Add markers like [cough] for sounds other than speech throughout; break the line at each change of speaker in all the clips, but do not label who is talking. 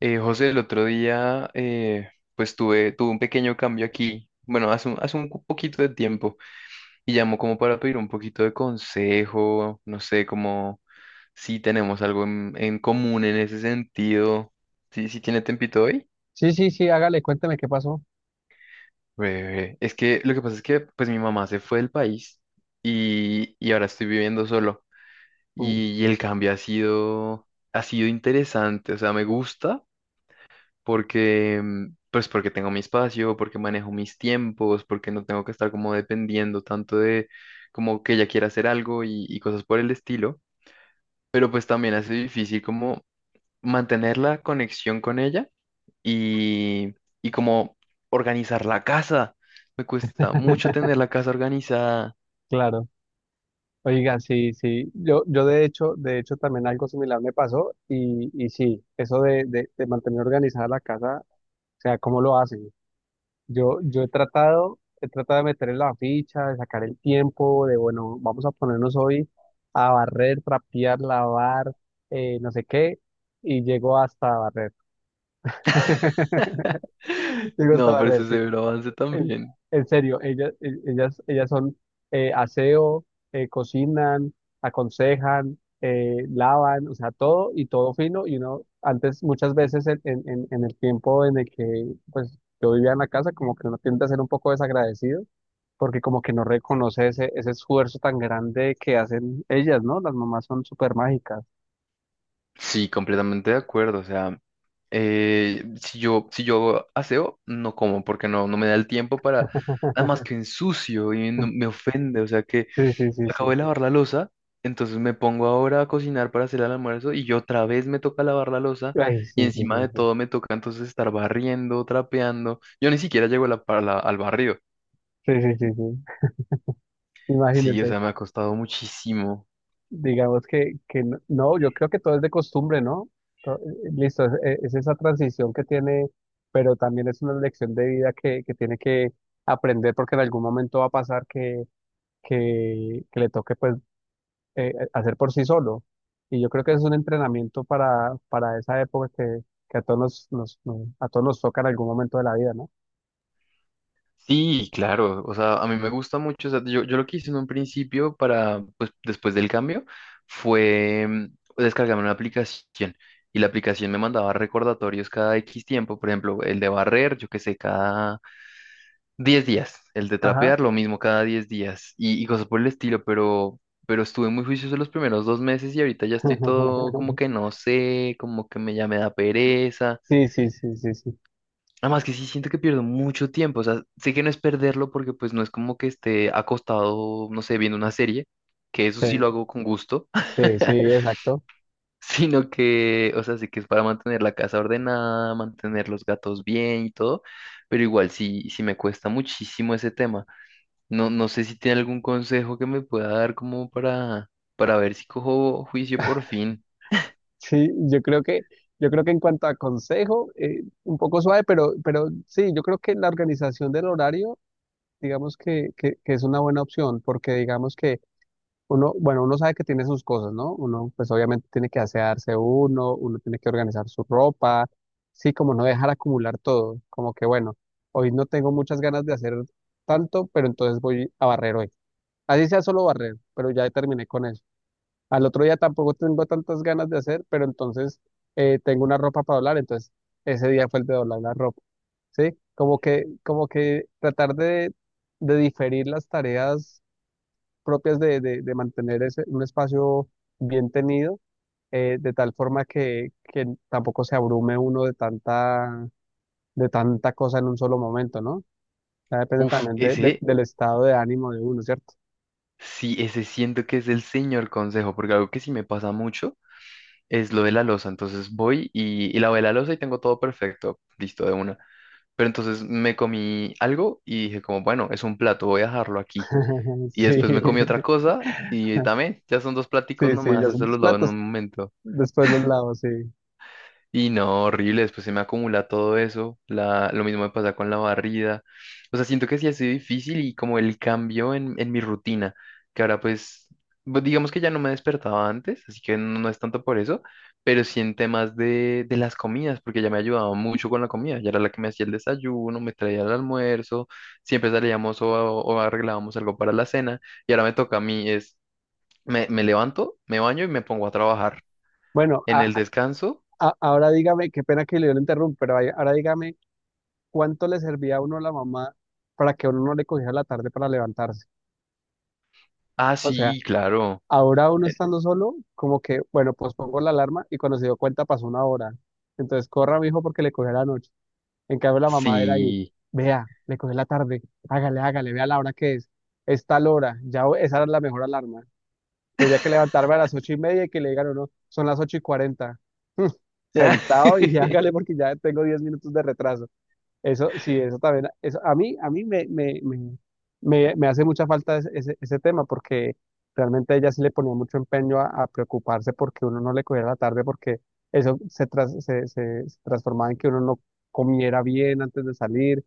José, el otro día, pues tuve un pequeño cambio aquí, bueno, poquito de tiempo, y llamó como para pedir un poquito de consejo, no sé, como si tenemos algo en común en ese sentido. ¿Sí, sí tiene tempito hoy?
Sí, sí, sí, hágale, cuénteme qué pasó.
Breve. Es que lo que pasa es que pues mi mamá se fue del país y ahora estoy viviendo solo,
Mm.
y el ha sido interesante, o sea, me gusta porque, pues porque tengo mi espacio, porque manejo mis tiempos, porque no tengo que estar como dependiendo tanto de como que ella quiera hacer algo y cosas por el estilo, pero pues también hace difícil como mantener la conexión con ella y, y como organizar la casa. Me cuesta mucho tener
[laughs]
la casa organizada.
Claro. Oiga, sí, sí. Yo de hecho también algo similar me pasó y sí, eso de mantener organizada la casa, o sea, ¿cómo lo hacen? Yo he tratado de meterle la ficha, de sacar el tiempo, de bueno, vamos a ponernos hoy a barrer, trapear, lavar, no sé qué, y llego hasta barrer. [laughs]
[laughs]
Llego hasta
No, pero eso
barrer,
es
sí.
severo avance
En,
también.
en serio, ellas, ellas, ellas son aseo, cocinan, aconsejan, lavan, o sea, todo y todo fino. Y uno, antes, muchas veces en, en el tiempo en el que pues yo vivía en la casa, como que uno tiende a ser un poco desagradecido, porque como que no reconoce ese, ese esfuerzo tan grande que hacen ellas, ¿no? Las mamás son súper mágicas.
Sí, completamente de acuerdo. O sea, si yo aseo, no como, porque no, no me da el tiempo para,
[laughs]
además que ensucio y no- me ofende. O sea que
Sí, sí, sí, sí,
acabo de
sí.
lavar la losa, entonces me pongo ahora a cocinar para hacer el almuerzo y yo otra vez me toca lavar la losa
Ay, sí,
y
sí,
encima
sí,
de
sí.
todo me toca entonces estar barriendo, trapeando. Yo ni siquiera llego a la, para la- al barrio.
Sí, sí, sí, sí.
Sí,
Imagínense.
o sea, me ha costado muchísimo.
Digamos que no, no, yo creo que todo es de costumbre, ¿no? Listo, es esa transición que tiene, pero también es una lección de vida que tiene que aprender porque en algún momento va a pasar que le toque pues hacer por sí solo. Y yo creo que es un entrenamiento para esa época que a todos nos, a todos nos toca en algún momento de la vida, ¿no?
Sí, claro, o sea, a mí me gusta mucho, o sea, yo lo que hice en un principio para, pues después del cambio, fue descargarme una aplicación y la aplicación me mandaba recordatorios cada X tiempo, por ejemplo, el de barrer, yo qué sé, cada 10 días, el de
Ajá.
trapear, lo mismo cada 10 días y cosas por el estilo, pero estuve muy juicioso los primeros 2 meses y ahorita ya estoy todo como que
[laughs]
no sé, como que me, ya me da pereza.
Sí, sí, sí, sí, sí.
Además que sí siento que pierdo mucho tiempo, o sea, sé que no es perderlo porque pues no es como que esté acostado, no sé, viendo una serie, que eso
Sí,
sí lo hago con gusto,
sí, sí, exacto.
[laughs] sino que, o sea, sé que es para mantener la casa ordenada, mantener los gatos bien y todo, pero igual sí, sí me cuesta muchísimo ese tema. No, no sé si tiene algún consejo que me pueda dar como para ver si cojo juicio por fin.
Sí, yo creo que en cuanto a consejo, un poco suave, pero sí, yo creo que la organización del horario, digamos que es una buena opción, porque digamos que uno, bueno, uno sabe que tiene sus cosas, ¿no? Uno, pues obviamente tiene que asearse uno, uno tiene que organizar su ropa, sí, como no dejar acumular todo, como que bueno, hoy no tengo muchas ganas de hacer tanto, pero entonces voy a barrer hoy. Así sea solo barrer, pero ya terminé con eso. Al otro día tampoco tengo tantas ganas de hacer, pero entonces tengo una ropa para doblar, entonces ese día fue el de doblar la ropa, ¿sí? Como que tratar de diferir las tareas propias de mantener ese, un espacio bien tenido, de tal forma que tampoco se abrume uno de tanta cosa en un solo momento, ¿no? Ya depende
Uf,
también
ese,
del estado de ánimo de uno, ¿cierto?
sí, ese siento que es el señor consejo, porque algo que sí me pasa mucho es lo de la loza. Entonces voy y lavé la loza y tengo todo perfecto, listo de una. Pero entonces me comí algo y dije como, bueno, es un plato, voy a dejarlo aquí.
[laughs]
Y
Sí, sí,
después me comí otra cosa y también, ya son dos
sí,
platicos
ya
nomás,
son
eso
los
los lavo en
platos,
un momento.
después los lavos, sí.
Y no, horrible, después se me acumula todo eso, la, lo mismo me pasa con la barrida, o sea, siento que sí ha sido difícil y como el cambio en mi rutina, que ahora pues, bu- digamos que ya no me despertaba antes, así que no, no es tanto por eso, pero sí en temas de las comidas, porque ya me ayudaba mucho con la comida, ya era la que me hacía el desayuno, me traía el almuerzo, siempre salíamos o arreglábamos algo para la cena, y ahora me toca a mí, es, me levanto, me baño y me pongo a trabajar
Bueno,
en el descanso.
ahora dígame, qué pena que le lo interrumpa, pero ahora dígame, ¿cuánto le servía a uno la mamá para que uno no le cogiera la tarde para levantarse?
Ah,
O sea,
sí, claro.
ahora uno estando solo, como que, bueno, pues pongo la alarma y cuando se dio cuenta pasó una hora. Entonces, corra, mijo, porque le cogió la noche. En cambio, la mamá era ahí,
Sí.
vea, le cogió la tarde, hágale, hágale, vea la hora que es tal hora, ya esa era la mejor alarma. Tendría que
[laughs]
levantarme a las 8:30 y que le digan, no, son las 8:40. [laughs] Sentado y hágale porque ya tengo 10 minutos de retraso. Eso, sí, eso también, eso, a mí me hace mucha falta ese, ese, ese tema porque realmente ella sí le ponía mucho empeño a preocuparse porque uno no le cogiera la tarde porque eso se, se, se transformaba en que uno no comiera bien antes de salir,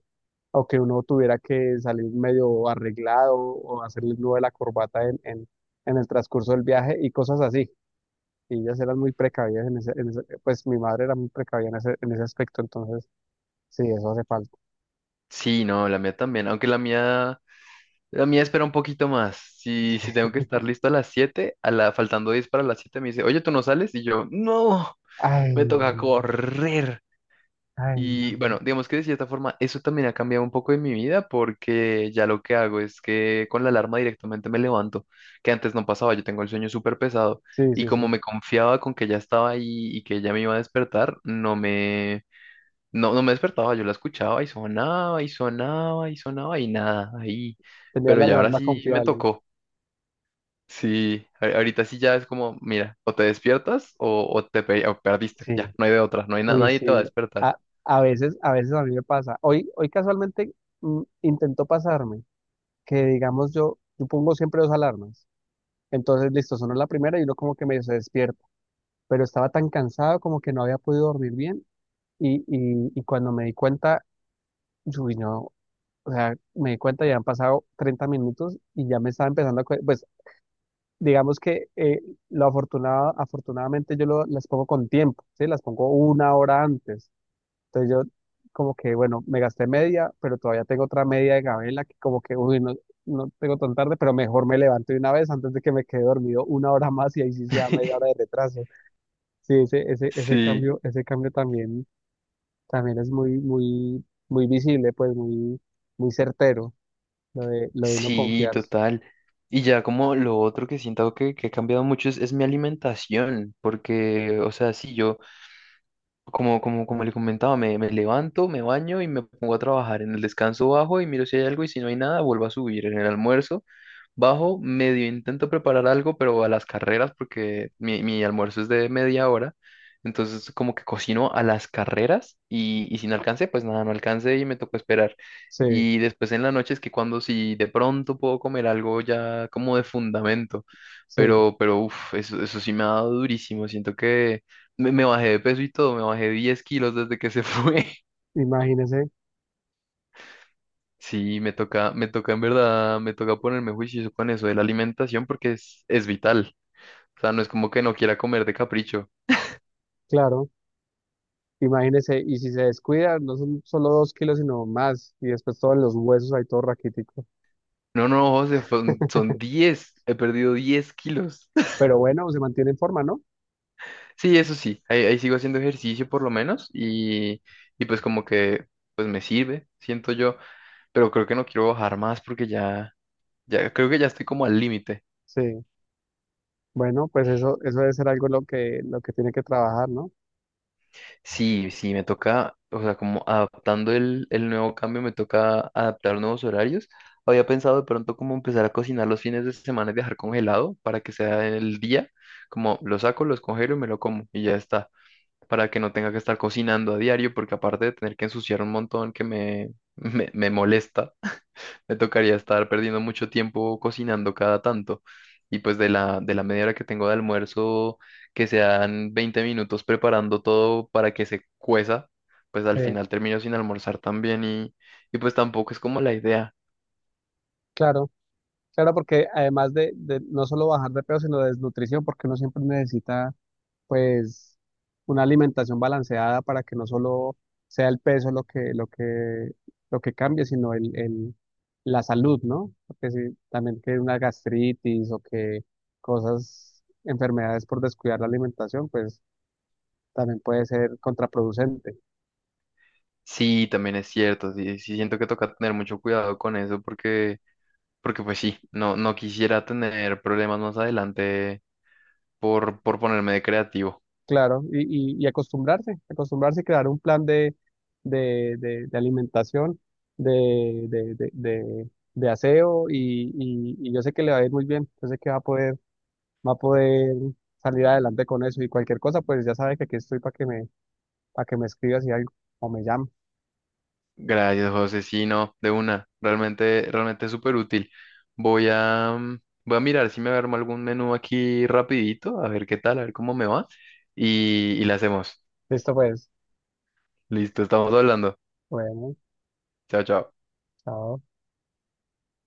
o que uno tuviera que salir medio arreglado o hacerle el nudo de la corbata en el transcurso del viaje y cosas así. Y ellas eran muy precavidas en ese, pues mi madre era muy precavida en ese aspecto, entonces sí, eso hace falta.
Sí, no, la mía también, aunque la mía espera un poquito más. Si, si tengo que estar listo a las 7, a la, faltando 10 para las 7 me dice, oye, ¿tú no sales? Y yo, no,
Ay,
me toca correr.
ay,
Y
no.
bueno, digamos que de cierta forma eso también ha cambiado un poco en mi vida porque ya lo que hago es que con la alarma directamente me levanto, que antes no pasaba, yo tengo el sueño súper pesado
Sí,
y
sí,
como
sí.
me confiaba con que ya estaba ahí y que ya me iba a despertar, no, no me despertaba, yo la escuchaba y sonaba y sonaba y sonaba y nada, ahí.
Tenía
Pero
la
ya ahora
alarma
sí me
confiable.
tocó. Sí, a- ahorita sí ya es como, mira, o te despiertas o te pe- o perdiste. Ya,
Sí,
no hay de otra, no hay na-
uy,
nadie te va a
sí.
despertar.
A, a veces, a veces a mí me pasa. Hoy, hoy casualmente intentó pasarme que digamos yo, yo pongo siempre dos alarmas. Entonces, listo, sonó la primera y uno como que me despierta pero estaba tan cansado como que no había podido dormir bien y cuando me di cuenta, uy, no, o sea, me di cuenta ya han pasado 30 minutos y ya me estaba empezando a, pues digamos que lo afortunado, afortunadamente las pongo con tiempo, ¿sí? Las pongo una hora antes. Entonces yo como que, bueno, me gasté media, pero todavía tengo otra media de gabela que como que, uy, no, no tengo tan tarde, pero mejor me levanto de una vez antes de que me quede dormido una hora más y ahí sí sea media hora
[laughs]
de retraso. Sí, ese,
Sí,
ese cambio también, también es muy, muy, muy visible, pues muy, muy certero, lo de no
sí,
confiarse.
total. Y ya como lo otro que siento que ha cambiado mucho es mi alimentación, porque, o sea, sí, yo... Como, como, como le comentaba, me levanto, me baño y me pongo a trabajar. En el descanso bajo y miro si hay algo y si no hay nada, vuelvo a subir. En el almuerzo bajo, medio intento preparar algo, pero a las carreras porque mi almuerzo es de media hora. Entonces como que cocino a las carreras y si no alcancé, pues nada, no alcancé y me tocó esperar.
Sí,
Y después en la noche es que cuando si de pronto puedo comer algo ya como de fundamento,
sí,
pero uff, eso sí me ha dado durísimo. Siento que... me bajé de peso y todo, me bajé 10 kilos desde que se fue. [laughs]
imagínese,
Sí, me toca en verdad, me toca ponerme juicioso con eso de la alimentación porque es vital. O sea, no es como que no quiera comer de capricho.
claro, imagínese, y si se descuida, no son solo 2 kilos, sino más, y después todos los huesos ahí todo raquítico.
No, no, José, son 10 he perdido 10 kilos. [laughs]
Pero bueno, se mantiene en forma, ¿no?
Sí, eso sí, ahí, ahí sigo haciendo ejercicio por lo menos y pues como que pues me sirve, siento yo, pero creo que no quiero bajar más porque ya, ya creo que ya estoy como al límite.
Sí, bueno, pues eso debe ser algo lo que tiene que trabajar, ¿no?
Sí, sí, me toca, o sea, como adaptando el nuevo cambio, me toca adaptar nuevos horarios. Había pensado de pronto como empezar a cocinar los fines de semana y dejar congelado para que sea el día, como lo saco, los congelo y me lo como y ya está, para que no tenga que estar cocinando a diario, porque aparte de tener que ensuciar un montón que me, [laughs] me molesta, me tocaría estar perdiendo mucho tiempo cocinando cada tanto. Y pues de la media hora que tengo de almuerzo, que sean 20 minutos preparando todo para que se cueza, pues al
Eh,
final termino sin almorzar también y pues tampoco es como la idea.
claro, claro, porque además de no solo bajar de peso, sino de desnutrición, porque uno siempre necesita pues una alimentación balanceada para que no solo sea el peso lo que, lo que, lo que cambie, sino el, la salud, ¿no? Porque si también que una gastritis o que cosas, enfermedades por descuidar la alimentación, pues también puede ser contraproducente.
Sí, también es cierto, sí, sí siento que toca tener mucho cuidado con eso porque, porque pues sí, no, no quisiera tener problemas más adelante por ponerme de creativo.
Claro, y acostumbrarse, acostumbrarse y crear un plan de alimentación, de, de aseo, y yo sé que le va a ir muy bien, yo sé que va a poder salir adelante con eso y cualquier cosa, pues ya sabes que aquí estoy para que me escribas y algo o me llames.
Gracias, José. Sí, no, de una. Realmente, realmente es súper útil. Voy a, voy a mirar si me armo algún menú aquí rapidito, a ver qué tal, a ver cómo me va. Y le hacemos.
Listo, pues.
Listo, estamos hablando.
Bueno,
Chao, chao.
chao.